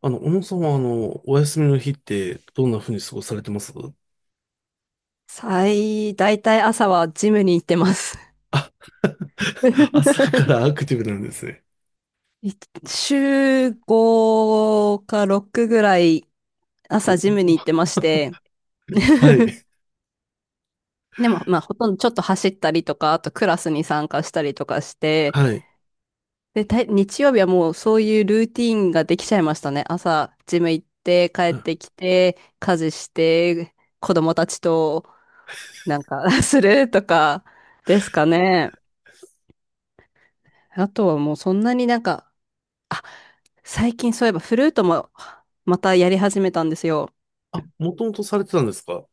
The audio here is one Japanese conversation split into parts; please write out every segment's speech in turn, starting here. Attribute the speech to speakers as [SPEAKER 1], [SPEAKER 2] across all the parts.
[SPEAKER 1] 小野さんは、お休みの日って、どんな風に過ごされてます
[SPEAKER 2] 最、大体朝はジムに行ってます。
[SPEAKER 1] 朝か らアクティブなんですね。
[SPEAKER 2] い週5か6ぐらい朝
[SPEAKER 1] お。
[SPEAKER 2] ジムに行っ
[SPEAKER 1] お。
[SPEAKER 2] てまして、
[SPEAKER 1] はい。
[SPEAKER 2] でも、まあ、ほとんどちょっと走ったりとか、あとクラスに参加したりとかして、
[SPEAKER 1] はい。
[SPEAKER 2] で、たい日曜日はもうそういうルーティーンができちゃいましたね。朝、ジム行って、帰ってきて、家事して、子供たちとなんか するとかですかね。あとはもうそんなになんか、最近そういえばフルートもまたやり始めたんですよ。
[SPEAKER 1] あ、もともとされてたんですか？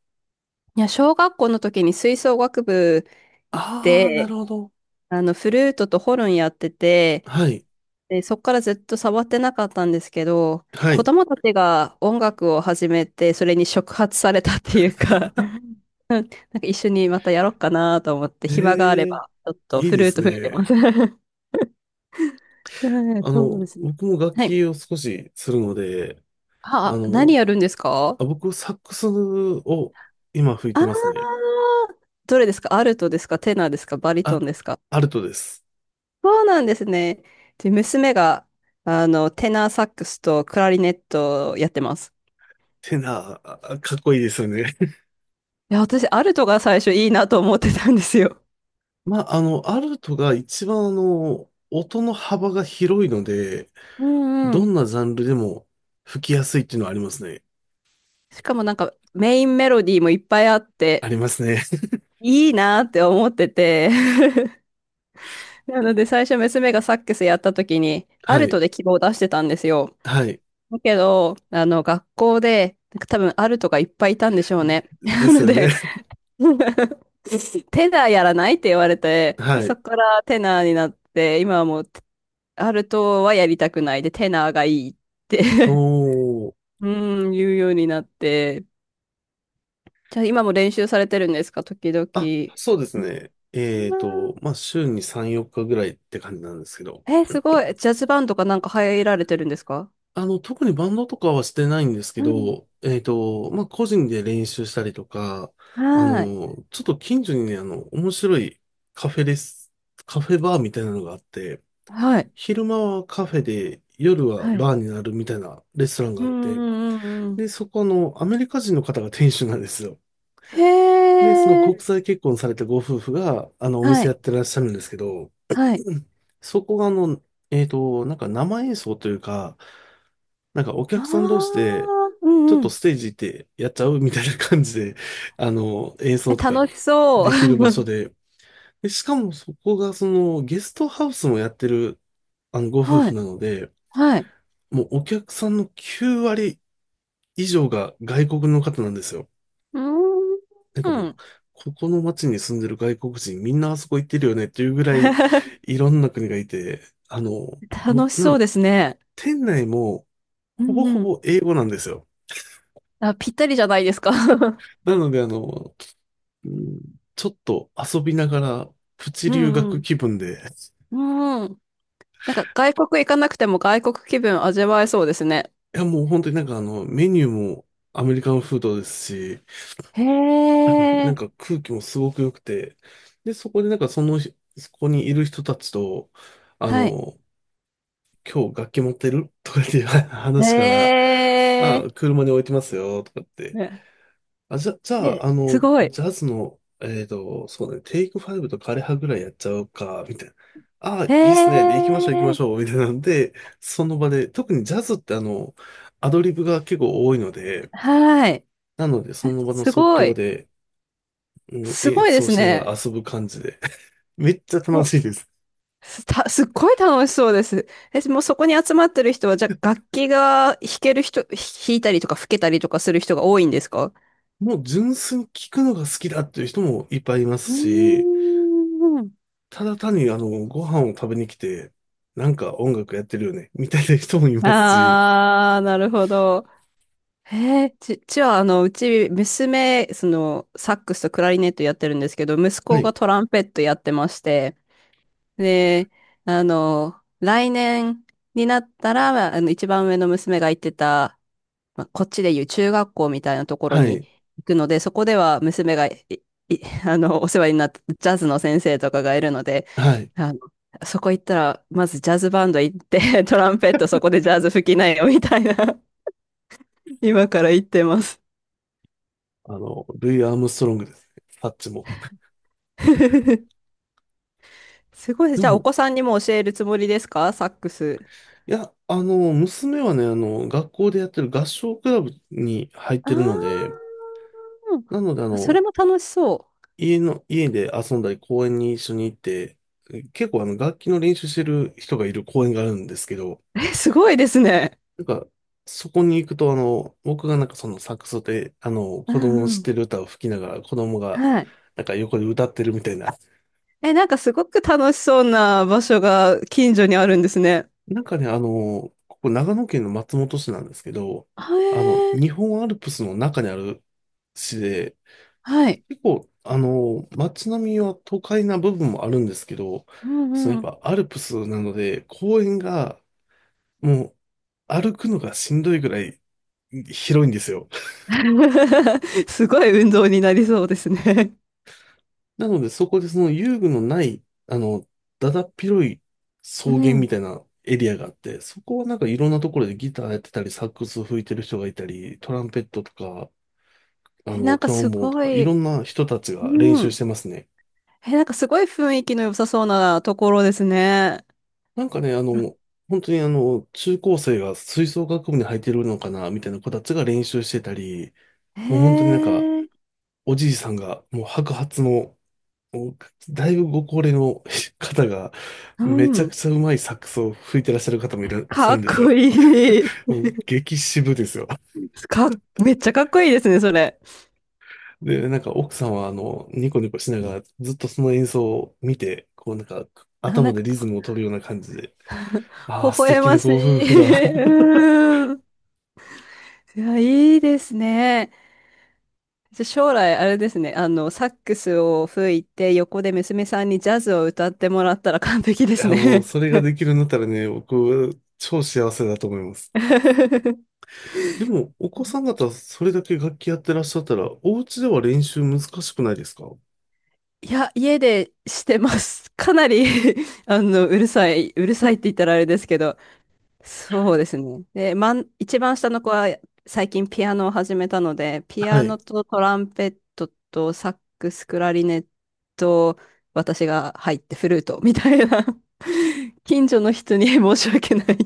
[SPEAKER 2] いや、小学校の時に吹奏楽部
[SPEAKER 1] ああー、な
[SPEAKER 2] で、
[SPEAKER 1] るほど。
[SPEAKER 2] あの、フルートとホルンやってて、
[SPEAKER 1] はい。
[SPEAKER 2] で、そっからずっと触ってなかったんですけど、
[SPEAKER 1] は
[SPEAKER 2] 子
[SPEAKER 1] い。
[SPEAKER 2] 供たちが音楽を始めて、それに触発されたっていうか、なんか一緒にまたやろうかなと思って、
[SPEAKER 1] え
[SPEAKER 2] 暇があれ
[SPEAKER 1] え、
[SPEAKER 2] ば、ちょっと
[SPEAKER 1] いい
[SPEAKER 2] フ
[SPEAKER 1] で
[SPEAKER 2] ルー
[SPEAKER 1] す
[SPEAKER 2] ト吹いて
[SPEAKER 1] ね。
[SPEAKER 2] ます。うんそうですね。
[SPEAKER 1] 僕も楽
[SPEAKER 2] はい。
[SPEAKER 1] 器を少しするので、あ
[SPEAKER 2] あ、何
[SPEAKER 1] の、
[SPEAKER 2] やるんですか？
[SPEAKER 1] あ、僕、サックスを今吹い
[SPEAKER 2] あ
[SPEAKER 1] て
[SPEAKER 2] あー、
[SPEAKER 1] ますね。
[SPEAKER 2] どれですか？アルトですか？テナーですか？バリト
[SPEAKER 1] あ、
[SPEAKER 2] ンですか？
[SPEAKER 1] アルトです。
[SPEAKER 2] そうなんですね。で、娘が、あの、テナーサックスとクラリネットをやってます。
[SPEAKER 1] てな、あかっこいいですよね。
[SPEAKER 2] いや、私、アルトが最初いいなと思ってたんですよ。
[SPEAKER 1] まあ、アルトが一番音の幅が広いので、
[SPEAKER 2] うんう
[SPEAKER 1] どん
[SPEAKER 2] ん。
[SPEAKER 1] なジャンルでも吹きやすいっていうのはありますね。
[SPEAKER 2] しかもなんか、メインメロディーもいっぱいあっ
[SPEAKER 1] あ
[SPEAKER 2] て、
[SPEAKER 1] りますね。
[SPEAKER 2] いいなって思ってて。なので、最初娘がサックスやった時に、ア
[SPEAKER 1] は
[SPEAKER 2] ルト
[SPEAKER 1] い。
[SPEAKER 2] で希望を出してたんですよ。
[SPEAKER 1] はい。
[SPEAKER 2] だけど、あの、学校で、なんか多分アルトがいっぱいいたんでしょうね。
[SPEAKER 1] で
[SPEAKER 2] な
[SPEAKER 1] す
[SPEAKER 2] の
[SPEAKER 1] よね。
[SPEAKER 2] で、テナーやらないって言われて、で、
[SPEAKER 1] は
[SPEAKER 2] そ
[SPEAKER 1] い。
[SPEAKER 2] こからテナーになって、今はもう、アルトはやりたくないで、テナーがいいって
[SPEAKER 1] おー。
[SPEAKER 2] 言うようになって、じゃあ今も練習されてるんですか、時々。
[SPEAKER 1] あ、そうです
[SPEAKER 2] う
[SPEAKER 1] ね。
[SPEAKER 2] ん。
[SPEAKER 1] まあ、週に3、4日ぐらいって感じなんですけど。
[SPEAKER 2] え、すごい。ジャズバンドかなんか入られてるんですか？
[SPEAKER 1] 特にバンドとかはしてないんですけ
[SPEAKER 2] うん。
[SPEAKER 1] ど、まあ、個人で練習したりとか、
[SPEAKER 2] はい。
[SPEAKER 1] ちょっと近所にね、面白いカフェです。カフェバーみたいなのがあって、
[SPEAKER 2] はい。
[SPEAKER 1] 昼間はカフェで、夜は
[SPEAKER 2] はい。
[SPEAKER 1] バーになるみたいなレストランが
[SPEAKER 2] う
[SPEAKER 1] あ
[SPEAKER 2] ん
[SPEAKER 1] っ
[SPEAKER 2] う
[SPEAKER 1] て、
[SPEAKER 2] んうんうん。
[SPEAKER 1] で、そこの、アメリカ人の方が店主なんですよ。
[SPEAKER 2] へ
[SPEAKER 1] で、その国
[SPEAKER 2] え。
[SPEAKER 1] 際結婚されたご夫婦が、お
[SPEAKER 2] は
[SPEAKER 1] 店やっ
[SPEAKER 2] い。
[SPEAKER 1] てらっしゃるんですけど、
[SPEAKER 2] はい。
[SPEAKER 1] そこがあの、なんか生演奏というか、なんかお
[SPEAKER 2] あ
[SPEAKER 1] 客さん同士
[SPEAKER 2] あ。
[SPEAKER 1] で、
[SPEAKER 2] う
[SPEAKER 1] ちょ
[SPEAKER 2] ん
[SPEAKER 1] っ
[SPEAKER 2] う
[SPEAKER 1] と
[SPEAKER 2] ん。
[SPEAKER 1] ステージ行ってやっちゃうみたいな感じで、演
[SPEAKER 2] え、
[SPEAKER 1] 奏とか
[SPEAKER 2] 楽しそう。
[SPEAKER 1] できる場所 で、で、しかもそこがそのゲストハウスもやってる、ご夫
[SPEAKER 2] は
[SPEAKER 1] 婦
[SPEAKER 2] い。
[SPEAKER 1] なので、
[SPEAKER 2] はい。
[SPEAKER 1] もうお客さんの9割以上が外国の方なんですよ。
[SPEAKER 2] う
[SPEAKER 1] なん
[SPEAKER 2] ー
[SPEAKER 1] かもう、
[SPEAKER 2] ん。
[SPEAKER 1] ここの街に住んでる外国人みんなあそこ行ってるよねっていうぐらい いろんな国がいて、あの、も
[SPEAKER 2] 楽し
[SPEAKER 1] う、な
[SPEAKER 2] そ
[SPEAKER 1] ん、
[SPEAKER 2] うですね。
[SPEAKER 1] 店内も
[SPEAKER 2] う
[SPEAKER 1] ほぼ
[SPEAKER 2] ん
[SPEAKER 1] ほ
[SPEAKER 2] うん。
[SPEAKER 1] ぼ英語なんですよ。
[SPEAKER 2] あ、ぴったりじゃないですか。
[SPEAKER 1] なので、あの、うん、ちょっと遊びながら、プチ
[SPEAKER 2] う
[SPEAKER 1] 留
[SPEAKER 2] んう
[SPEAKER 1] 学
[SPEAKER 2] ん。
[SPEAKER 1] 気分で、
[SPEAKER 2] うん。なんか外国行かなくても外国気分味わえそうですね。
[SPEAKER 1] いやもう本当になんかあの、メニューもアメリカンフードですし、
[SPEAKER 2] へ
[SPEAKER 1] なん
[SPEAKER 2] え。
[SPEAKER 1] か空気もすごく良くて、で、そこでなんかその、そこにいる人たちと、あ
[SPEAKER 2] はい。
[SPEAKER 1] の、今日楽器持ってるとかっていう
[SPEAKER 2] へ
[SPEAKER 1] 話から、あ、
[SPEAKER 2] え。
[SPEAKER 1] 車に置いてますよ、とかって
[SPEAKER 2] ね。
[SPEAKER 1] あ、じゃ、じゃあ、
[SPEAKER 2] えすごい。
[SPEAKER 1] ジャズの、そうだね、テイクファイブと枯葉ぐらいやっちゃうか、みたいな。ああ、
[SPEAKER 2] へ
[SPEAKER 1] いいっすね。で、行きましょう、行きま
[SPEAKER 2] え。
[SPEAKER 1] しょう、みたいなんで、その場で、特にジャズってあの、アドリブが結構多いので、
[SPEAKER 2] はい。
[SPEAKER 1] なので、
[SPEAKER 2] あ、
[SPEAKER 1] その場の
[SPEAKER 2] す
[SPEAKER 1] 即
[SPEAKER 2] ご
[SPEAKER 1] 興
[SPEAKER 2] い。
[SPEAKER 1] で、うん、
[SPEAKER 2] す
[SPEAKER 1] 演
[SPEAKER 2] ごいで
[SPEAKER 1] 奏
[SPEAKER 2] す
[SPEAKER 1] しながら
[SPEAKER 2] ね。
[SPEAKER 1] 遊ぶ感じで、めっちゃ楽しいです。
[SPEAKER 2] す た、すっごい楽しそうです。え、もうそこに集まってる人は、じゃあ楽器が弾ける人、弾いたりとか吹けたりとかする人が多いんですか？
[SPEAKER 1] もう純粋に聞くのが好きだっていう人もいっぱいいま
[SPEAKER 2] う
[SPEAKER 1] す
[SPEAKER 2] ー
[SPEAKER 1] し、
[SPEAKER 2] ん。
[SPEAKER 1] ただ単にあの、ご飯を食べに来て、なんか音楽やってるよね、みたいな人もいますし、
[SPEAKER 2] あー、なるほど。へえ、ち、ちは、あの、うち、娘、その、サックスとクラリネットやってるんですけど、息
[SPEAKER 1] は
[SPEAKER 2] 子
[SPEAKER 1] い。
[SPEAKER 2] がトランペットやってまして、で、あの、来年になったら、あの、一番上の娘が行ってた、まあ、こっちでいう中学校みたいなところ
[SPEAKER 1] は
[SPEAKER 2] に
[SPEAKER 1] い。
[SPEAKER 2] 行くので、そこでは娘がい、い あの、お世話になったジャズの先生とかがいるので、
[SPEAKER 1] はい。
[SPEAKER 2] あの、そこ行ったら、まずジャズバンド行って、トランペットそこでジャズ吹きなよ、みたいな、今から言ってます。
[SPEAKER 1] ルイ・アームストロングですね。サッチも。
[SPEAKER 2] すごいです。
[SPEAKER 1] で
[SPEAKER 2] じゃあ、お
[SPEAKER 1] も、
[SPEAKER 2] 子さんにも教えるつもりですか？サックス。
[SPEAKER 1] いや、娘はね、学校でやってる合唱クラブに入っ
[SPEAKER 2] あ
[SPEAKER 1] て
[SPEAKER 2] ー、
[SPEAKER 1] るので、なので、
[SPEAKER 2] それも楽しそ
[SPEAKER 1] 家で遊んだり、公園に一緒に行って、結構、楽器の練習してる人がいる公園があるんですけど、
[SPEAKER 2] う。え、すごいですね。
[SPEAKER 1] なんか、そこに行くと、僕がなんかそのサックスで、
[SPEAKER 2] う
[SPEAKER 1] 子供の
[SPEAKER 2] ん
[SPEAKER 1] 知っ
[SPEAKER 2] う
[SPEAKER 1] て
[SPEAKER 2] ん。
[SPEAKER 1] る歌を吹きながら、子供が、
[SPEAKER 2] はい。
[SPEAKER 1] なんか横で歌ってるみたいな。
[SPEAKER 2] え、なんかすごく楽しそうな場所が近所にあるんですね。
[SPEAKER 1] なんかね、ここ長野県の松本市なんですけど、
[SPEAKER 2] あ、へえ、
[SPEAKER 1] 日本アルプスの中にある市で、
[SPEAKER 2] はい。
[SPEAKER 1] 結構、街並みは都会な部分もあるんですけど、
[SPEAKER 2] う
[SPEAKER 1] その
[SPEAKER 2] ん
[SPEAKER 1] やっ
[SPEAKER 2] うん。
[SPEAKER 1] ぱアルプスなので、公園がもう歩くのがしんどいぐらい広いんですよ。
[SPEAKER 2] すごい運動になりそうですね。
[SPEAKER 1] なので、そこでその遊具のない、あの、だだっ広い草
[SPEAKER 2] う
[SPEAKER 1] 原み
[SPEAKER 2] ん。
[SPEAKER 1] たいなエリアがあって、そこはなんかいろんなところでギターやってたり、サックス吹いてる人がいたり、トランペットとか、
[SPEAKER 2] え、なんか
[SPEAKER 1] トロ
[SPEAKER 2] す
[SPEAKER 1] ンボーンと
[SPEAKER 2] ご
[SPEAKER 1] か、いろ
[SPEAKER 2] い、
[SPEAKER 1] んな人たちが練
[SPEAKER 2] う
[SPEAKER 1] 習し
[SPEAKER 2] ん。
[SPEAKER 1] てますね。
[SPEAKER 2] え、なんかすごい雰囲気の良さそうなところですね。
[SPEAKER 1] なんかね、本当にあの、中高生が吹奏楽部に入ってるのかな、みたいな子たちが練習してたり、
[SPEAKER 2] へ
[SPEAKER 1] もう本当になんか、
[SPEAKER 2] え、
[SPEAKER 1] おじいさんがもう白髪のもうだいぶご高齢の 方が、
[SPEAKER 2] う
[SPEAKER 1] めちゃく
[SPEAKER 2] ん。
[SPEAKER 1] ちゃうまいサックスを吹いてらっしゃる方もいらっしゃ
[SPEAKER 2] かっ
[SPEAKER 1] るんです
[SPEAKER 2] こ
[SPEAKER 1] よ。
[SPEAKER 2] いい。
[SPEAKER 1] もう激渋ですよ。
[SPEAKER 2] かっ、めっちゃかっこいいですね、それ。
[SPEAKER 1] で、なんか奥さんは、ニコニコしながら、ずっとその演奏を見て、こうなんか、
[SPEAKER 2] あ、な
[SPEAKER 1] 頭
[SPEAKER 2] ん
[SPEAKER 1] でリズ
[SPEAKER 2] か
[SPEAKER 1] ムを取るような感じで、あ
[SPEAKER 2] 微
[SPEAKER 1] あ、素
[SPEAKER 2] 笑
[SPEAKER 1] 敵
[SPEAKER 2] ま
[SPEAKER 1] な
[SPEAKER 2] し
[SPEAKER 1] ご夫
[SPEAKER 2] い。
[SPEAKER 1] 婦だ。
[SPEAKER 2] うん。いや、いいですね。じゃあ将来、あれですね、あの、サックスを吹いて、横で娘さんにジャズを歌ってもらったら完璧で
[SPEAKER 1] い
[SPEAKER 2] す
[SPEAKER 1] や、もう
[SPEAKER 2] ね。
[SPEAKER 1] それができるんだったらね、僕、超幸せだと思います。でも、お子さん方、それだけ楽器やってらっしゃったら、お家では練習難しくないですか？
[SPEAKER 2] いや、家でしてます。かなり あの、うるさい、うるさいって言ったらあれですけど、そうですね。で、まん、一番下の子は最近ピアノを始めたので、ピ
[SPEAKER 1] は
[SPEAKER 2] ア
[SPEAKER 1] い。
[SPEAKER 2] ノとトランペットとサックス、クラリネット、私が入ってフルートみたいな、近所の人に申し訳ない。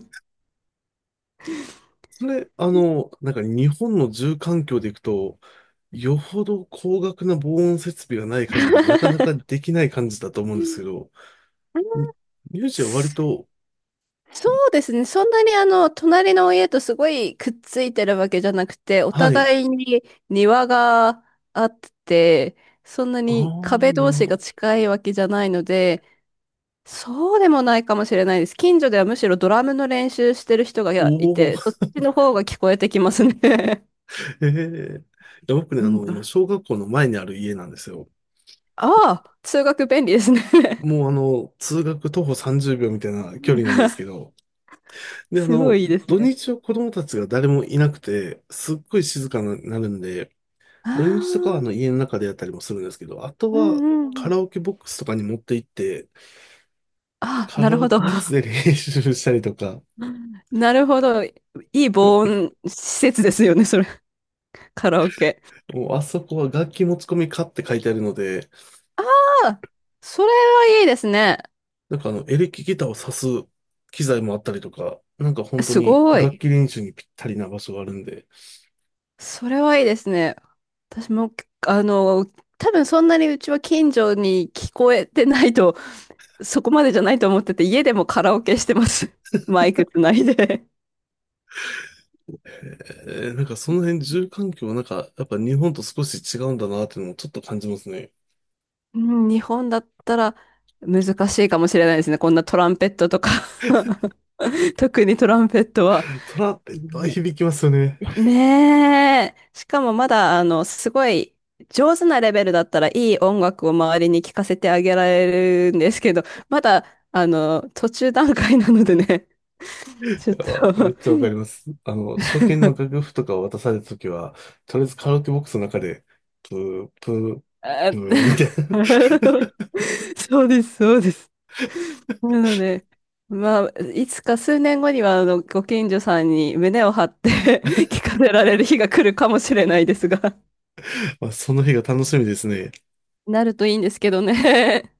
[SPEAKER 1] それ、なんか日本の住環境でいくと、よほど高額な防音設備がない限り、なかなかできない感じだと思うんですけど、ミミュージは割と、
[SPEAKER 2] そうですね。そんなにあの、隣の家とすごいくっついてるわけじゃなくて、お
[SPEAKER 1] はい。
[SPEAKER 2] 互いに庭があって、そんな
[SPEAKER 1] ああ、
[SPEAKER 2] に壁
[SPEAKER 1] な
[SPEAKER 2] 同
[SPEAKER 1] るほ
[SPEAKER 2] 士が
[SPEAKER 1] ど。
[SPEAKER 2] 近いわけじゃないので、そうでもないかもしれないです。近所ではむしろドラムの練習してる人
[SPEAKER 1] お
[SPEAKER 2] がい
[SPEAKER 1] お、
[SPEAKER 2] て、そっちの方が聞こえてきますね。
[SPEAKER 1] ええ。いや僕 ね、
[SPEAKER 2] うん、
[SPEAKER 1] 今、小学校の前にある家なんですよ。
[SPEAKER 2] ああ、通学便利ですね。
[SPEAKER 1] もう、通学徒歩30秒みたいな距離なんですけ ど、で、あ
[SPEAKER 2] すご
[SPEAKER 1] の、
[SPEAKER 2] いいいです
[SPEAKER 1] 土
[SPEAKER 2] ね。
[SPEAKER 1] 日は子供たちが誰もいなくて、すっごい静かになるんで、
[SPEAKER 2] あ
[SPEAKER 1] 土日とかは
[SPEAKER 2] あ、
[SPEAKER 1] あの家の中でやったりもするんですけど、あと
[SPEAKER 2] う
[SPEAKER 1] は
[SPEAKER 2] んうんう
[SPEAKER 1] カ
[SPEAKER 2] ん。
[SPEAKER 1] ラオケボックスとかに持って行って、
[SPEAKER 2] ああ、
[SPEAKER 1] カ
[SPEAKER 2] な
[SPEAKER 1] ラ
[SPEAKER 2] るほ
[SPEAKER 1] オ
[SPEAKER 2] ど。
[SPEAKER 1] ケボックスで練習したりとか、
[SPEAKER 2] なるほど。いい防音施設ですよね、それ。カラオケ。
[SPEAKER 1] もうあそこは楽器持ち込みかって書いてあるので、
[SPEAKER 2] ああ、それはいいですね。
[SPEAKER 1] なんかあのエレキギターを挿す機材もあったりとか、なんか本当
[SPEAKER 2] す
[SPEAKER 1] に
[SPEAKER 2] ご
[SPEAKER 1] 楽
[SPEAKER 2] い。
[SPEAKER 1] 器練習にぴったりな場所があるんで、
[SPEAKER 2] それはいいですね。私も、あの、多分そんなにうちは近所に聞こえてないと、そこまでじゃないと思ってて、家でもカラオケしてます。マイクつないで。
[SPEAKER 1] えーなんかその辺住環境なんかやっぱ日本と少し違うんだなっていうのもちょっと感じますね。
[SPEAKER 2] うん、日本だったら難しいかもしれないですね。こんなトランペットとか 特にトランペットは。
[SPEAKER 1] トラっていっぱい
[SPEAKER 2] ね。
[SPEAKER 1] 響きますよね。
[SPEAKER 2] ねえ。しかもまだ、あの、すごい上手なレベルだったらいい音楽を周りに聴かせてあげられるんですけど、まだ、あの、途中段階なのでね、ちょっと
[SPEAKER 1] あめっちゃ わかります。初見の楽譜とかを渡されたときは、とりあえずカラオケボックスの中で、プー、プー、
[SPEAKER 2] あ
[SPEAKER 1] プ ーみたいな。
[SPEAKER 2] そうです、そうです。なので、まあ、いつか数年後には、あの、ご近所さんに胸を張って 聞かせられる日が来るかもしれないですが、
[SPEAKER 1] まあ、その日が楽しみですね。
[SPEAKER 2] なるといいんですけどね。